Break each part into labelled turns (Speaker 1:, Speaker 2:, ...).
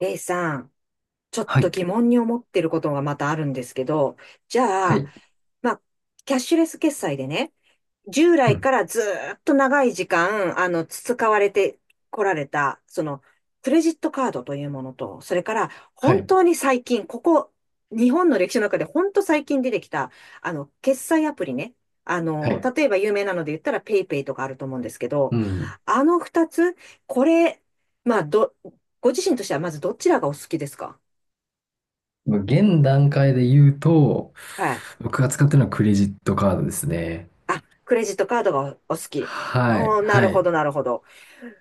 Speaker 1: レイさん、ちょっ
Speaker 2: は
Speaker 1: と
Speaker 2: い。
Speaker 1: 疑問に思ってることがまたあるんですけど、じ
Speaker 2: は
Speaker 1: ゃあ、
Speaker 2: い。
Speaker 1: まあ、キャッシュレス決済でね、従
Speaker 2: う
Speaker 1: 来
Speaker 2: ん。
Speaker 1: からずーっと長い時間、培われてこられた、クレジットカードというものと、それから、
Speaker 2: は
Speaker 1: 本
Speaker 2: い。
Speaker 1: 当に最近、ここ、日本の歴史の中で本当最近出てきた、決済アプリね。
Speaker 2: はい。
Speaker 1: 例えば有名なので言ったら、ペイペイとかあると思うんですけど、
Speaker 2: うん。
Speaker 1: あの二つ、これ、まあ、ど、ご自身としてはまずどちらがお好きですか？
Speaker 2: まあ現段階で言うと、
Speaker 1: はい。
Speaker 2: 僕が使ってるのはクレジットカードですね。
Speaker 1: あ、クレジットカードがお好き。
Speaker 2: はい。
Speaker 1: おー、な
Speaker 2: は
Speaker 1: るほ
Speaker 2: い。
Speaker 1: ど、なるほど。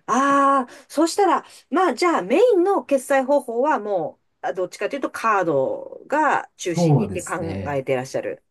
Speaker 1: ああ、そうしたら、まあじゃあメインの決済方法はもう、あどっちかというとカードが中心
Speaker 2: そ
Speaker 1: に
Speaker 2: う
Speaker 1: っ
Speaker 2: で
Speaker 1: て考
Speaker 2: すね。
Speaker 1: えてらっしゃる。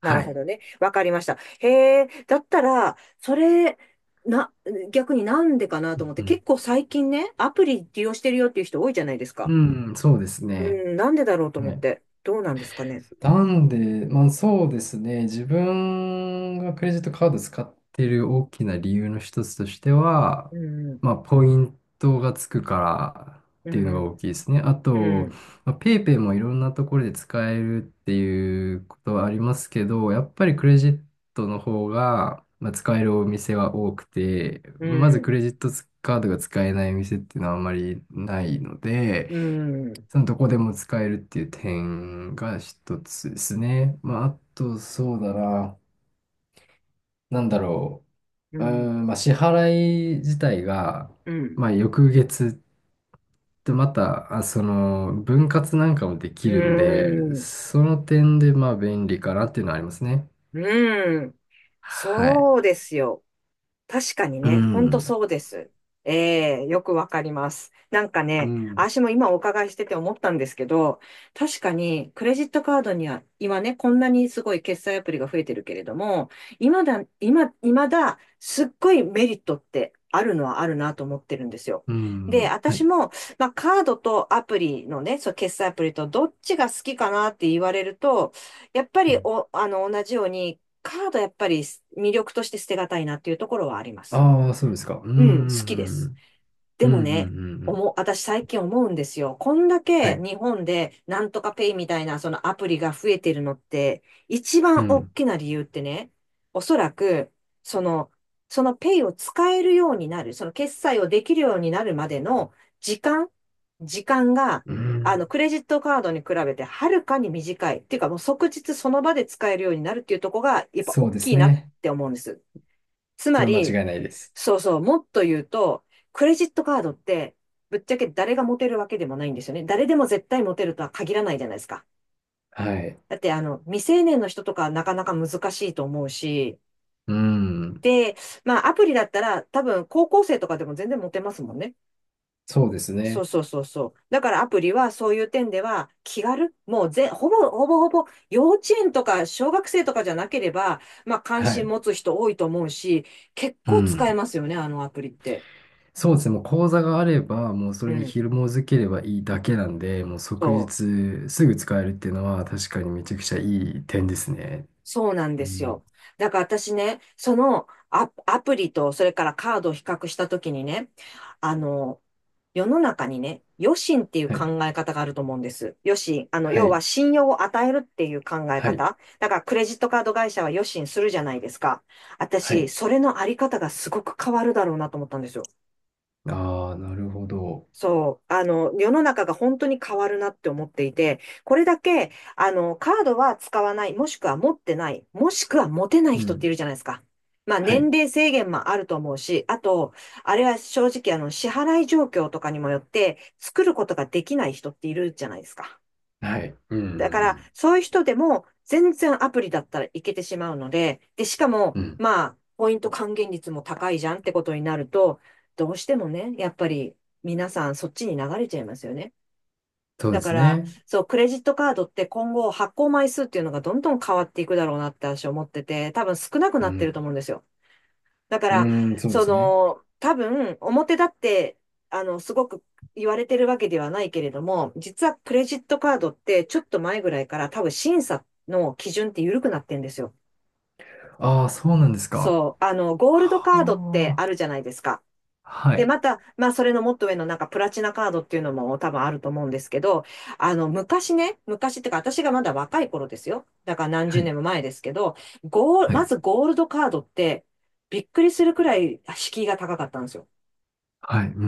Speaker 1: な
Speaker 2: は
Speaker 1: るほ
Speaker 2: い。
Speaker 1: どね。わかりました。へえ、だったら、それ、な、逆になんでかなと思っ
Speaker 2: う
Speaker 1: て、
Speaker 2: ん、
Speaker 1: 結構最近ね、アプリ利用してるよっていう人多いじゃないですか。
Speaker 2: うん。うん、そうです
Speaker 1: う
Speaker 2: ね。
Speaker 1: ん、なんでだろうと思っ
Speaker 2: ね
Speaker 1: て。どうなんですかね。
Speaker 2: なんで、まあそうですね、自分がクレジットカード使ってる大きな理由の一つとしては、
Speaker 1: うん、
Speaker 2: まあポイントがつくからっ
Speaker 1: う
Speaker 2: ていうのが
Speaker 1: ん、
Speaker 2: 大きいですね。あ
Speaker 1: う
Speaker 2: と、
Speaker 1: ん、
Speaker 2: まあ、ペイペイもいろんなところで使えるっていうことはありますけど、やっぱりクレジットの方が、まあ、使えるお店は多くて、
Speaker 1: う
Speaker 2: ま
Speaker 1: ん、う
Speaker 2: ずク
Speaker 1: ん、
Speaker 2: レジットカードが使えないお店っていうのはあんまりないので、
Speaker 1: うん、
Speaker 2: そのどこでも使えるっていう点が一つですね。まあ、あと、そうだな。なんだろ
Speaker 1: う
Speaker 2: う。うー
Speaker 1: ん、
Speaker 2: ん、まあ、支払い自体が、
Speaker 1: うん、
Speaker 2: まあ、翌月ってまた、あ、その、分割なんかもでき
Speaker 1: う
Speaker 2: るんで、
Speaker 1: ん、
Speaker 2: その点で、まあ、便利かなっていうのはありますね。
Speaker 1: うん。
Speaker 2: はい。
Speaker 1: そうですよ。確かに
Speaker 2: う
Speaker 1: ね、ほんと
Speaker 2: ん。
Speaker 1: そうです。ええ、よくわかります。なんか
Speaker 2: う
Speaker 1: ね、
Speaker 2: ん。
Speaker 1: 私も今お伺いしてて思ったんですけど、確かにクレジットカードには今ね、こんなにすごい決済アプリが増えてるけれども、今だ、すっごいメリットってあるのはあるなと思ってるんですよ。
Speaker 2: う
Speaker 1: で、
Speaker 2: ん。は
Speaker 1: 私
Speaker 2: い。
Speaker 1: も、まあ、カードとアプリのね、そう、決済アプリとどっちが好きかなって言われると、やっぱりお、あの、同じようにカードやっぱり魅力として捨てがたいなっていうところはあります。
Speaker 2: ああー、そうですか。うん。う
Speaker 1: うん、好きです。
Speaker 2: ん。う
Speaker 1: で
Speaker 2: ん。う
Speaker 1: もね、
Speaker 2: ん。うんうん、
Speaker 1: 私最近思うんですよ。こんだ
Speaker 2: は
Speaker 1: け
Speaker 2: い。
Speaker 1: 日本でなんとかペイみたいなそのアプリが増えてるのって、一
Speaker 2: う
Speaker 1: 番大
Speaker 2: ん。
Speaker 1: きな理由ってね、おそらく、その、そのペイを使えるようになる、その決済をできるようになるまでの時間、時間が、
Speaker 2: うん。
Speaker 1: クレジットカードに比べてはるかに短い。っていうかもう即日その場で使えるようになるっていうところが、やっぱ
Speaker 2: そう
Speaker 1: 大
Speaker 2: で
Speaker 1: き
Speaker 2: す
Speaker 1: いなっ
Speaker 2: ね。
Speaker 1: て思うんです。つ
Speaker 2: そ
Speaker 1: ま
Speaker 2: れは間
Speaker 1: り、
Speaker 2: 違いないです。
Speaker 1: そうそう、もっと言うと、クレジットカードって、ぶっちゃけ誰が持てるわけでもないんですよね。誰でも絶対持てるとは限らないじゃないですか。
Speaker 2: はい。
Speaker 1: だって、未成年の人とかなかなか難しいと思うし、
Speaker 2: うん。
Speaker 1: で、まあ、アプリだったら、多分、高校生とかでも全然持てますもんね。
Speaker 2: そうです
Speaker 1: そう
Speaker 2: ね。
Speaker 1: そうそうそう。だからアプリはそういう点では気軽、もうぜ、ほぼ、ほぼほぼ幼稚園とか小学生とかじゃなければ、まあ関
Speaker 2: は
Speaker 1: 心
Speaker 2: い。
Speaker 1: 持つ人多いと思うし、結
Speaker 2: う
Speaker 1: 構使え
Speaker 2: ん。
Speaker 1: ますよね、あのアプリって。
Speaker 2: そうですね。もう口座があれば、もうそ
Speaker 1: う
Speaker 2: れに
Speaker 1: ん。
Speaker 2: 紐づければいいだけなんで、もう即
Speaker 1: そう、
Speaker 2: 日すぐ使えるっていうのは確かにめちゃくちゃいい点ですね。
Speaker 1: そうなん
Speaker 2: う
Speaker 1: です
Speaker 2: ん。
Speaker 1: よ。だから私ね、アプリとそれからカードを比較したときにね、あの、世の中にね、余信っていう
Speaker 2: は
Speaker 1: 考
Speaker 2: い。
Speaker 1: え方があると思うんです。余信、
Speaker 2: は
Speaker 1: 要は
Speaker 2: い。
Speaker 1: 信用を与えるっていう考え
Speaker 2: はい。
Speaker 1: 方。だからクレジットカード会社は余信するじゃないですか。
Speaker 2: は
Speaker 1: 私、
Speaker 2: い。
Speaker 1: それのあり方がすごく変わるだろうなと思ったんですよ。
Speaker 2: ああ、なるほど。
Speaker 1: そう、世の中が本当に変わるなって思っていて、これだけ、カードは使わない、もしくは持ってない、もしくは持てない
Speaker 2: う
Speaker 1: 人って
Speaker 2: ん。
Speaker 1: いるじゃないですか。まあ、
Speaker 2: は
Speaker 1: 年
Speaker 2: い。
Speaker 1: 齢制限もあると思うし、あと、あれは正直、支払い状況とかにもよって、作ることができない人っているじゃないですか。
Speaker 2: はい。うん。う
Speaker 1: だから、
Speaker 2: ん。
Speaker 1: そういう人でも、全然アプリだったらいけてしまうので、で、しかも、
Speaker 2: うん、
Speaker 1: まあ、ポイント還元率も高いじゃんってことになると、どうしてもね、やっぱり皆さんそっちに流れちゃいますよね。
Speaker 2: そう
Speaker 1: だ
Speaker 2: で
Speaker 1: か
Speaker 2: す
Speaker 1: ら、
Speaker 2: ね。
Speaker 1: そう、クレジットカードって今後発行枚数っていうのがどんどん変わっていくだろうなって私は思ってて、多分少なく
Speaker 2: う
Speaker 1: なってると
Speaker 2: ん。
Speaker 1: 思うんですよ。だか
Speaker 2: う
Speaker 1: ら、
Speaker 2: ん、そうですね。
Speaker 1: 多分、表だって、すごく言われてるわけではないけれども、実はクレジットカードって、ちょっと前ぐらいから多分審査の基準って緩くなってんですよ。
Speaker 2: ああ、そうなんですか。
Speaker 1: そう、ゴールド
Speaker 2: は
Speaker 1: カードって
Speaker 2: あ。
Speaker 1: あるじゃないですか。
Speaker 2: は
Speaker 1: で、
Speaker 2: い。
Speaker 1: また、まあ、それのもっと上のなんかプラチナカードっていうのも多分あると思うんですけど、昔ね、昔ってか、私がまだ若い頃ですよ。だから何
Speaker 2: は
Speaker 1: 十
Speaker 2: い。
Speaker 1: 年も前ですけど、
Speaker 2: は
Speaker 1: ま
Speaker 2: い、
Speaker 1: ずゴールドカードって、びっくりするくらい敷居が高かったんですよ。
Speaker 2: はい。うんうんうん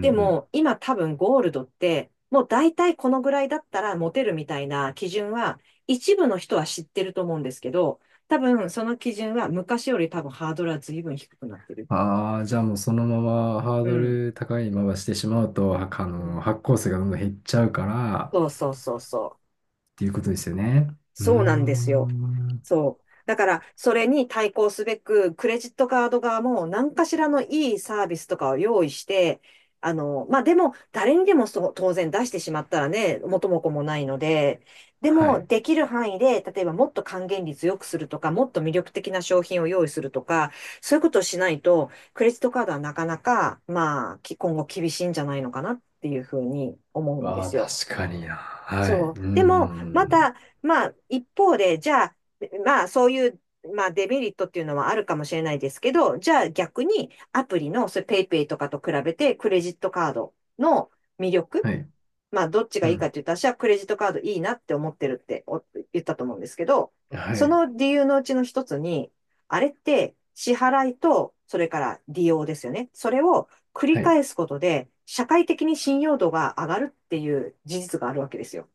Speaker 1: で
Speaker 2: んうん。
Speaker 1: も、今多分ゴールドって、もう大体このぐらいだったらモテるみたいな基準は、一部の人は知ってると思うんですけど、多分その基準は昔より多分ハードルは随分低くなってる。
Speaker 2: ああ、じゃあもうそのままハー
Speaker 1: う
Speaker 2: ド
Speaker 1: ん。
Speaker 2: ル高いまましてしまうと、はあ
Speaker 1: う
Speaker 2: の、
Speaker 1: ん
Speaker 2: 発行数がどんどん減っちゃうからっ
Speaker 1: そうそうそうそう。
Speaker 2: ていうことですよね。うー
Speaker 1: そうなんですよ。
Speaker 2: ん。
Speaker 1: そう。だから、それに対抗すべく、クレジットカード側も何かしらのいいサービスとかを用意して、まあ、でも、誰にでもそう当然出してしまったらね、元も子もないので、で
Speaker 2: は
Speaker 1: も、
Speaker 2: い。
Speaker 1: できる範囲で、例えばもっと還元率良くするとか、もっと魅力的な商品を用意するとか、そういうことをしないと、クレジットカードはなかなか、まあ、今後厳しいんじゃないのかなっていうふうに思うんで
Speaker 2: ああ、
Speaker 1: すよ。
Speaker 2: 確かにな。はい。
Speaker 1: そう。
Speaker 2: うんうんう
Speaker 1: でも、ま
Speaker 2: ん。
Speaker 1: た、まあ、一方で、じゃあ、まあ、そういう、まあ、デメリットっていうのはあるかもしれないですけど、じゃあ逆に、アプリの、それ、ペイペイとかと比べて、クレジットカードの魅力、
Speaker 2: はい。
Speaker 1: まあ、どっちが
Speaker 2: う
Speaker 1: いいかっ
Speaker 2: ん。
Speaker 1: て言ったら、私はクレジットカードいいなって思ってるって言ったと思うんですけど、
Speaker 2: は
Speaker 1: そ
Speaker 2: い。
Speaker 1: の理由のうちの一つに、あれって支払いと、それから利用ですよね。それを繰り
Speaker 2: はい。
Speaker 1: 返すことで、社会的に信用度が上がるっていう事実があるわけですよ。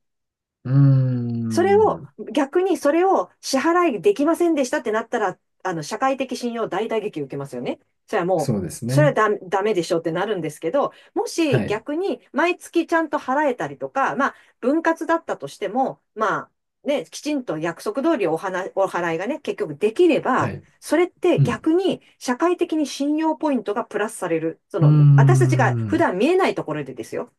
Speaker 2: うー
Speaker 1: それを、
Speaker 2: ん。
Speaker 1: 逆にそれを支払いできませんでしたってなったら、社会的信用大打撃受けますよね。それはも
Speaker 2: そ
Speaker 1: う、
Speaker 2: うです
Speaker 1: それは
Speaker 2: ね。
Speaker 1: ダメでしょってなるんですけど、もし
Speaker 2: はい。
Speaker 1: 逆に毎月ちゃんと払えたりとか、まあ、分割だったとしても、まあ、ね、きちんと約束通りお払いがね、結局できれ
Speaker 2: は
Speaker 1: ば、
Speaker 2: い。
Speaker 1: それって
Speaker 2: うん。
Speaker 1: 逆に社会的に信用ポイントがプラスされる。そ
Speaker 2: う
Speaker 1: の、私
Speaker 2: ー
Speaker 1: たちが普
Speaker 2: ん。
Speaker 1: 段見えないところでですよ。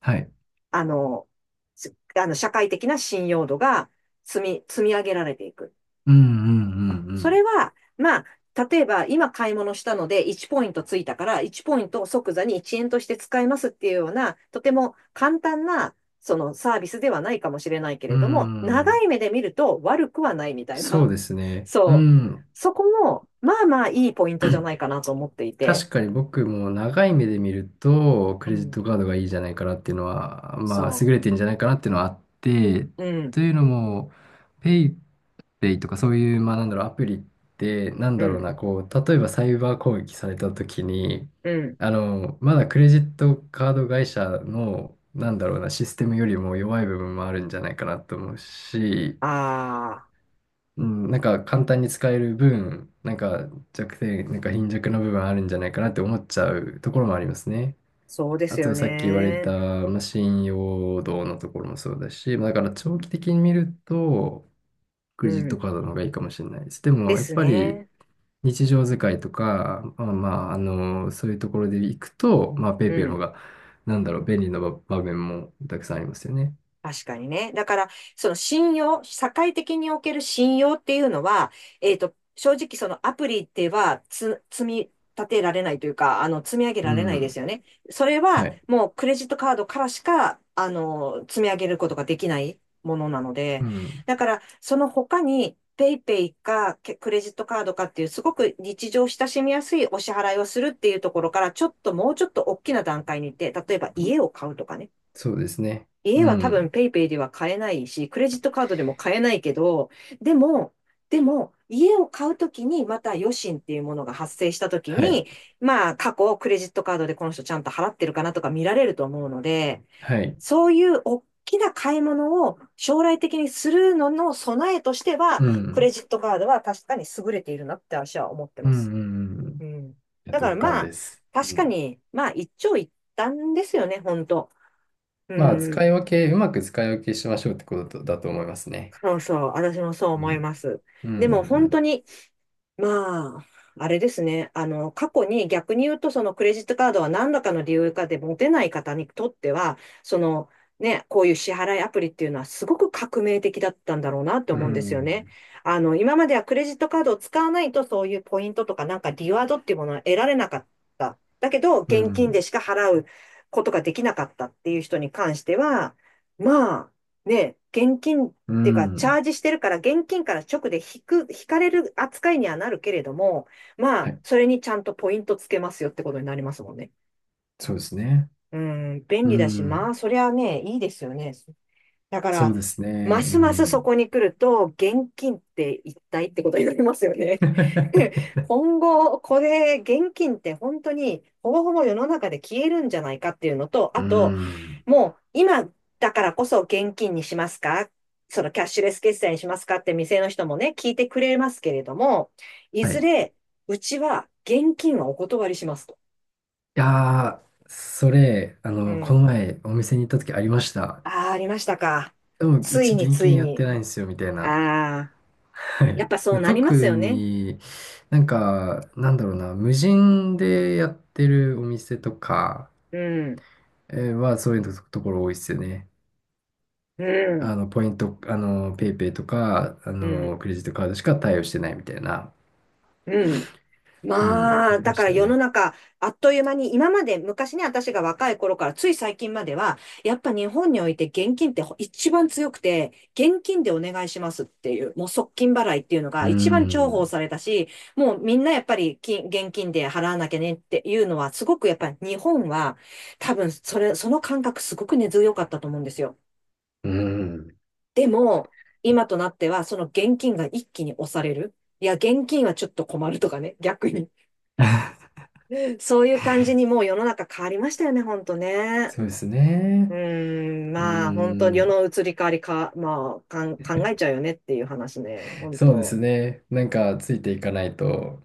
Speaker 2: はい。
Speaker 1: あの、あの社会的な信用度が積み上げられていく。
Speaker 2: うんうんう
Speaker 1: それ
Speaker 2: ん
Speaker 1: は、まあ、例えば今買い物したので1ポイントついたから1ポイントを即座に1円として使えますっていうような、とても簡単なそのサービスではないかもしれないけ
Speaker 2: う
Speaker 1: れども、
Speaker 2: ん。うー
Speaker 1: 長
Speaker 2: ん。
Speaker 1: い目で見ると悪くはないみたい
Speaker 2: そ
Speaker 1: な。
Speaker 2: うです ね。う
Speaker 1: そう。
Speaker 2: ん。
Speaker 1: そこも、いいポイントじゃないかなと思っていて。
Speaker 2: 確かに僕も長い目で見ると、
Speaker 1: う
Speaker 2: クレジッ
Speaker 1: ん。
Speaker 2: トカードがいいんじゃないかなっていうのは、まあ、優
Speaker 1: そ
Speaker 2: れてんじゃないかなっていうのはあって、
Speaker 1: う。うん。
Speaker 2: というのも、ペイペイとかそういう、まあ、なんだろう、アプリって、なん
Speaker 1: う
Speaker 2: だろう
Speaker 1: ん。
Speaker 2: な、こう、例えばサイバー攻撃された時に、
Speaker 1: うん。
Speaker 2: あの、まだクレジットカード会社の、なんだろうな、システムよりも弱い部分もあるんじゃないかなと思うし、
Speaker 1: ああ、
Speaker 2: うん、なんか簡単に使える分、なんか弱点、なんか貧弱な部分あるんじゃないかなって思っちゃうところもありますね。
Speaker 1: そうで
Speaker 2: あ
Speaker 1: すよ
Speaker 2: とさっき言われた、
Speaker 1: ね。
Speaker 2: まあ、信用度のところもそうだし、まあだから長期的に見ると、ク
Speaker 1: う
Speaker 2: レジット
Speaker 1: ん。
Speaker 2: カードの方がいいかもしれないです。で
Speaker 1: で
Speaker 2: もやっ
Speaker 1: す
Speaker 2: ぱり
Speaker 1: ね。
Speaker 2: 日常使いとか、まあ、まあ、あの、そういうところで行くと、まあ、ペイ
Speaker 1: う
Speaker 2: ペイの方
Speaker 1: ん、
Speaker 2: が、なんだろう、便利な場面もたくさんありますよね。
Speaker 1: 確かにね。だから、その信用、社会的における信用っていうのは、正直そのアプリでは積み立てられないというか、積み上げ
Speaker 2: う
Speaker 1: られないで
Speaker 2: ん。
Speaker 1: すよね。それ
Speaker 2: は
Speaker 1: は
Speaker 2: い。
Speaker 1: もうクレジットカードからしか、積み上げることができないものなの
Speaker 2: う
Speaker 1: で、
Speaker 2: ん。
Speaker 1: だから、その他に、ペイペイかけクレジットカードかっていう、すごく日常親しみやすいお支払いをするっていうところから、ちょっともうちょっと大きな段階に行って、例えば家を買うとかね。
Speaker 2: そうですね。う
Speaker 1: 家は多分
Speaker 2: ん。
Speaker 1: ペイペイでは買えないし、クレジットカードでも買えないけど、でも、でも、家を買うときにまた余震っていうものが発生したとき
Speaker 2: はい。
Speaker 1: に、まあ過去クレジットカードでこの人ちゃんと払ってるかなとか見られると思うので、
Speaker 2: はい。
Speaker 1: そういう大きな買い物を将来的にするのの備えとしては、
Speaker 2: う
Speaker 1: クレ
Speaker 2: ん。
Speaker 1: ジットカードは確かに優れているなって私は思って
Speaker 2: う
Speaker 1: ま
Speaker 2: ん。う
Speaker 1: す。
Speaker 2: んうんう
Speaker 1: う
Speaker 2: ん、
Speaker 1: ん。
Speaker 2: いや
Speaker 1: だから、
Speaker 2: 同感
Speaker 1: ま
Speaker 2: で
Speaker 1: あ、
Speaker 2: す。
Speaker 1: 確
Speaker 2: う
Speaker 1: か
Speaker 2: ん。
Speaker 1: に、まあ一長一短ですよね、本当。う
Speaker 2: まあ、使い
Speaker 1: ん。
Speaker 2: 分け、うまく使い分けしましょうってことだと思いますね。
Speaker 1: そうそう、私もそう
Speaker 2: う
Speaker 1: 思い
Speaker 2: ん。
Speaker 1: ます。
Speaker 2: う
Speaker 1: でも本当
Speaker 2: ん。
Speaker 1: に、まあ、あれですね、あの、過去に逆に言うと、そのクレジットカードは何らかの理由かで持てない方にとっては、その、ね、こういう支払いアプリっていうのはすごく革命的だったんだろうなって
Speaker 2: うう
Speaker 1: 思うんですよ
Speaker 2: ん。
Speaker 1: ね。
Speaker 2: ん。
Speaker 1: あの、今まではクレジットカードを使わないとそういうポイントとかなんかリワードっていうものは得られなかった。だけど、
Speaker 2: う
Speaker 1: 現金で
Speaker 2: ん。
Speaker 1: しか払うことができなかったっていう人に関しては、まあ、ね、現金っ
Speaker 2: う
Speaker 1: ていうか、
Speaker 2: ん。う
Speaker 1: チャー
Speaker 2: ん、
Speaker 1: ジしてるから、現金から直で引く、引かれる扱いにはなるけれども、ま
Speaker 2: は
Speaker 1: あ、
Speaker 2: い。
Speaker 1: それにちゃんとポイントつけますよってことになりますもんね。
Speaker 2: そうですね。
Speaker 1: うん、便
Speaker 2: う
Speaker 1: 利だし、まあ、
Speaker 2: ん。
Speaker 1: そりゃね、いいですよね。だか
Speaker 2: そう
Speaker 1: ら、
Speaker 2: です
Speaker 1: ま
Speaker 2: ね。う
Speaker 1: すますそ
Speaker 2: ん。
Speaker 1: こに来ると、現金って一体ってことになりますよね。今後、これ、現金って本当に、ほぼほぼ世の中で消えるんじゃないかっていうのと、
Speaker 2: う
Speaker 1: あと、
Speaker 2: ん。
Speaker 1: もう、今だからこそ現金にしますか、そのキャッシュレス決済にしますかって店の人もね、聞いてくれますけれども、い
Speaker 2: はい。
Speaker 1: ず
Speaker 2: い
Speaker 1: れ、うちは現金はお断りしますと。
Speaker 2: やー、それ、あ
Speaker 1: う
Speaker 2: の、この
Speaker 1: ん。
Speaker 2: 前お店に行った時ありました。
Speaker 1: ああ、ありましたか。
Speaker 2: でも、う
Speaker 1: つい
Speaker 2: ち
Speaker 1: に
Speaker 2: 現
Speaker 1: つい
Speaker 2: 金やって
Speaker 1: に。
Speaker 2: ないんですよ、みたいな。
Speaker 1: ああ。
Speaker 2: は
Speaker 1: や
Speaker 2: い。
Speaker 1: っぱそう
Speaker 2: で
Speaker 1: なりま
Speaker 2: 特
Speaker 1: すよね。
Speaker 2: になんか、なんだろうな、無人でやってるお店とか
Speaker 1: うん、
Speaker 2: はそういうと、ところ多いですよね。
Speaker 1: う
Speaker 2: あ
Speaker 1: ん、
Speaker 2: の、ポイント、あの、ペイペイとか、あ
Speaker 1: う
Speaker 2: の、
Speaker 1: ん、
Speaker 2: クレジットカードしか対応してないみたいな。
Speaker 1: うん。ま
Speaker 2: うん、あ
Speaker 1: あ、
Speaker 2: り
Speaker 1: だ
Speaker 2: ま
Speaker 1: か
Speaker 2: し
Speaker 1: ら
Speaker 2: た
Speaker 1: 世の
Speaker 2: ね。
Speaker 1: 中、あっという間に、今まで昔ね、私が若い頃から、つい最近までは、やっぱ日本において現金って一番強くて、現金でお願いしますっていう、もう即金払いっていうのが
Speaker 2: う
Speaker 1: 一番重宝
Speaker 2: ん、
Speaker 1: されたし、もうみんなやっぱり現金で払わなきゃねっていうのは、すごくやっぱり日本は、多分それ、その感覚すごく根強かったと思うんですよ。
Speaker 2: うん、
Speaker 1: でも、今となっては、その現金が一気に押される。いや、現金はちょっと困るとかね、逆に。そういう感じにもう世の中変わりましたよね、ほんとね。
Speaker 2: そうです
Speaker 1: う
Speaker 2: ね。
Speaker 1: ーん、
Speaker 2: う
Speaker 1: まあ、本当世
Speaker 2: ん、
Speaker 1: の移り変わりか、まあ、考えちゃうよねっていう話ね、本
Speaker 2: そうです
Speaker 1: 当
Speaker 2: ね。なんか、ついていかないと。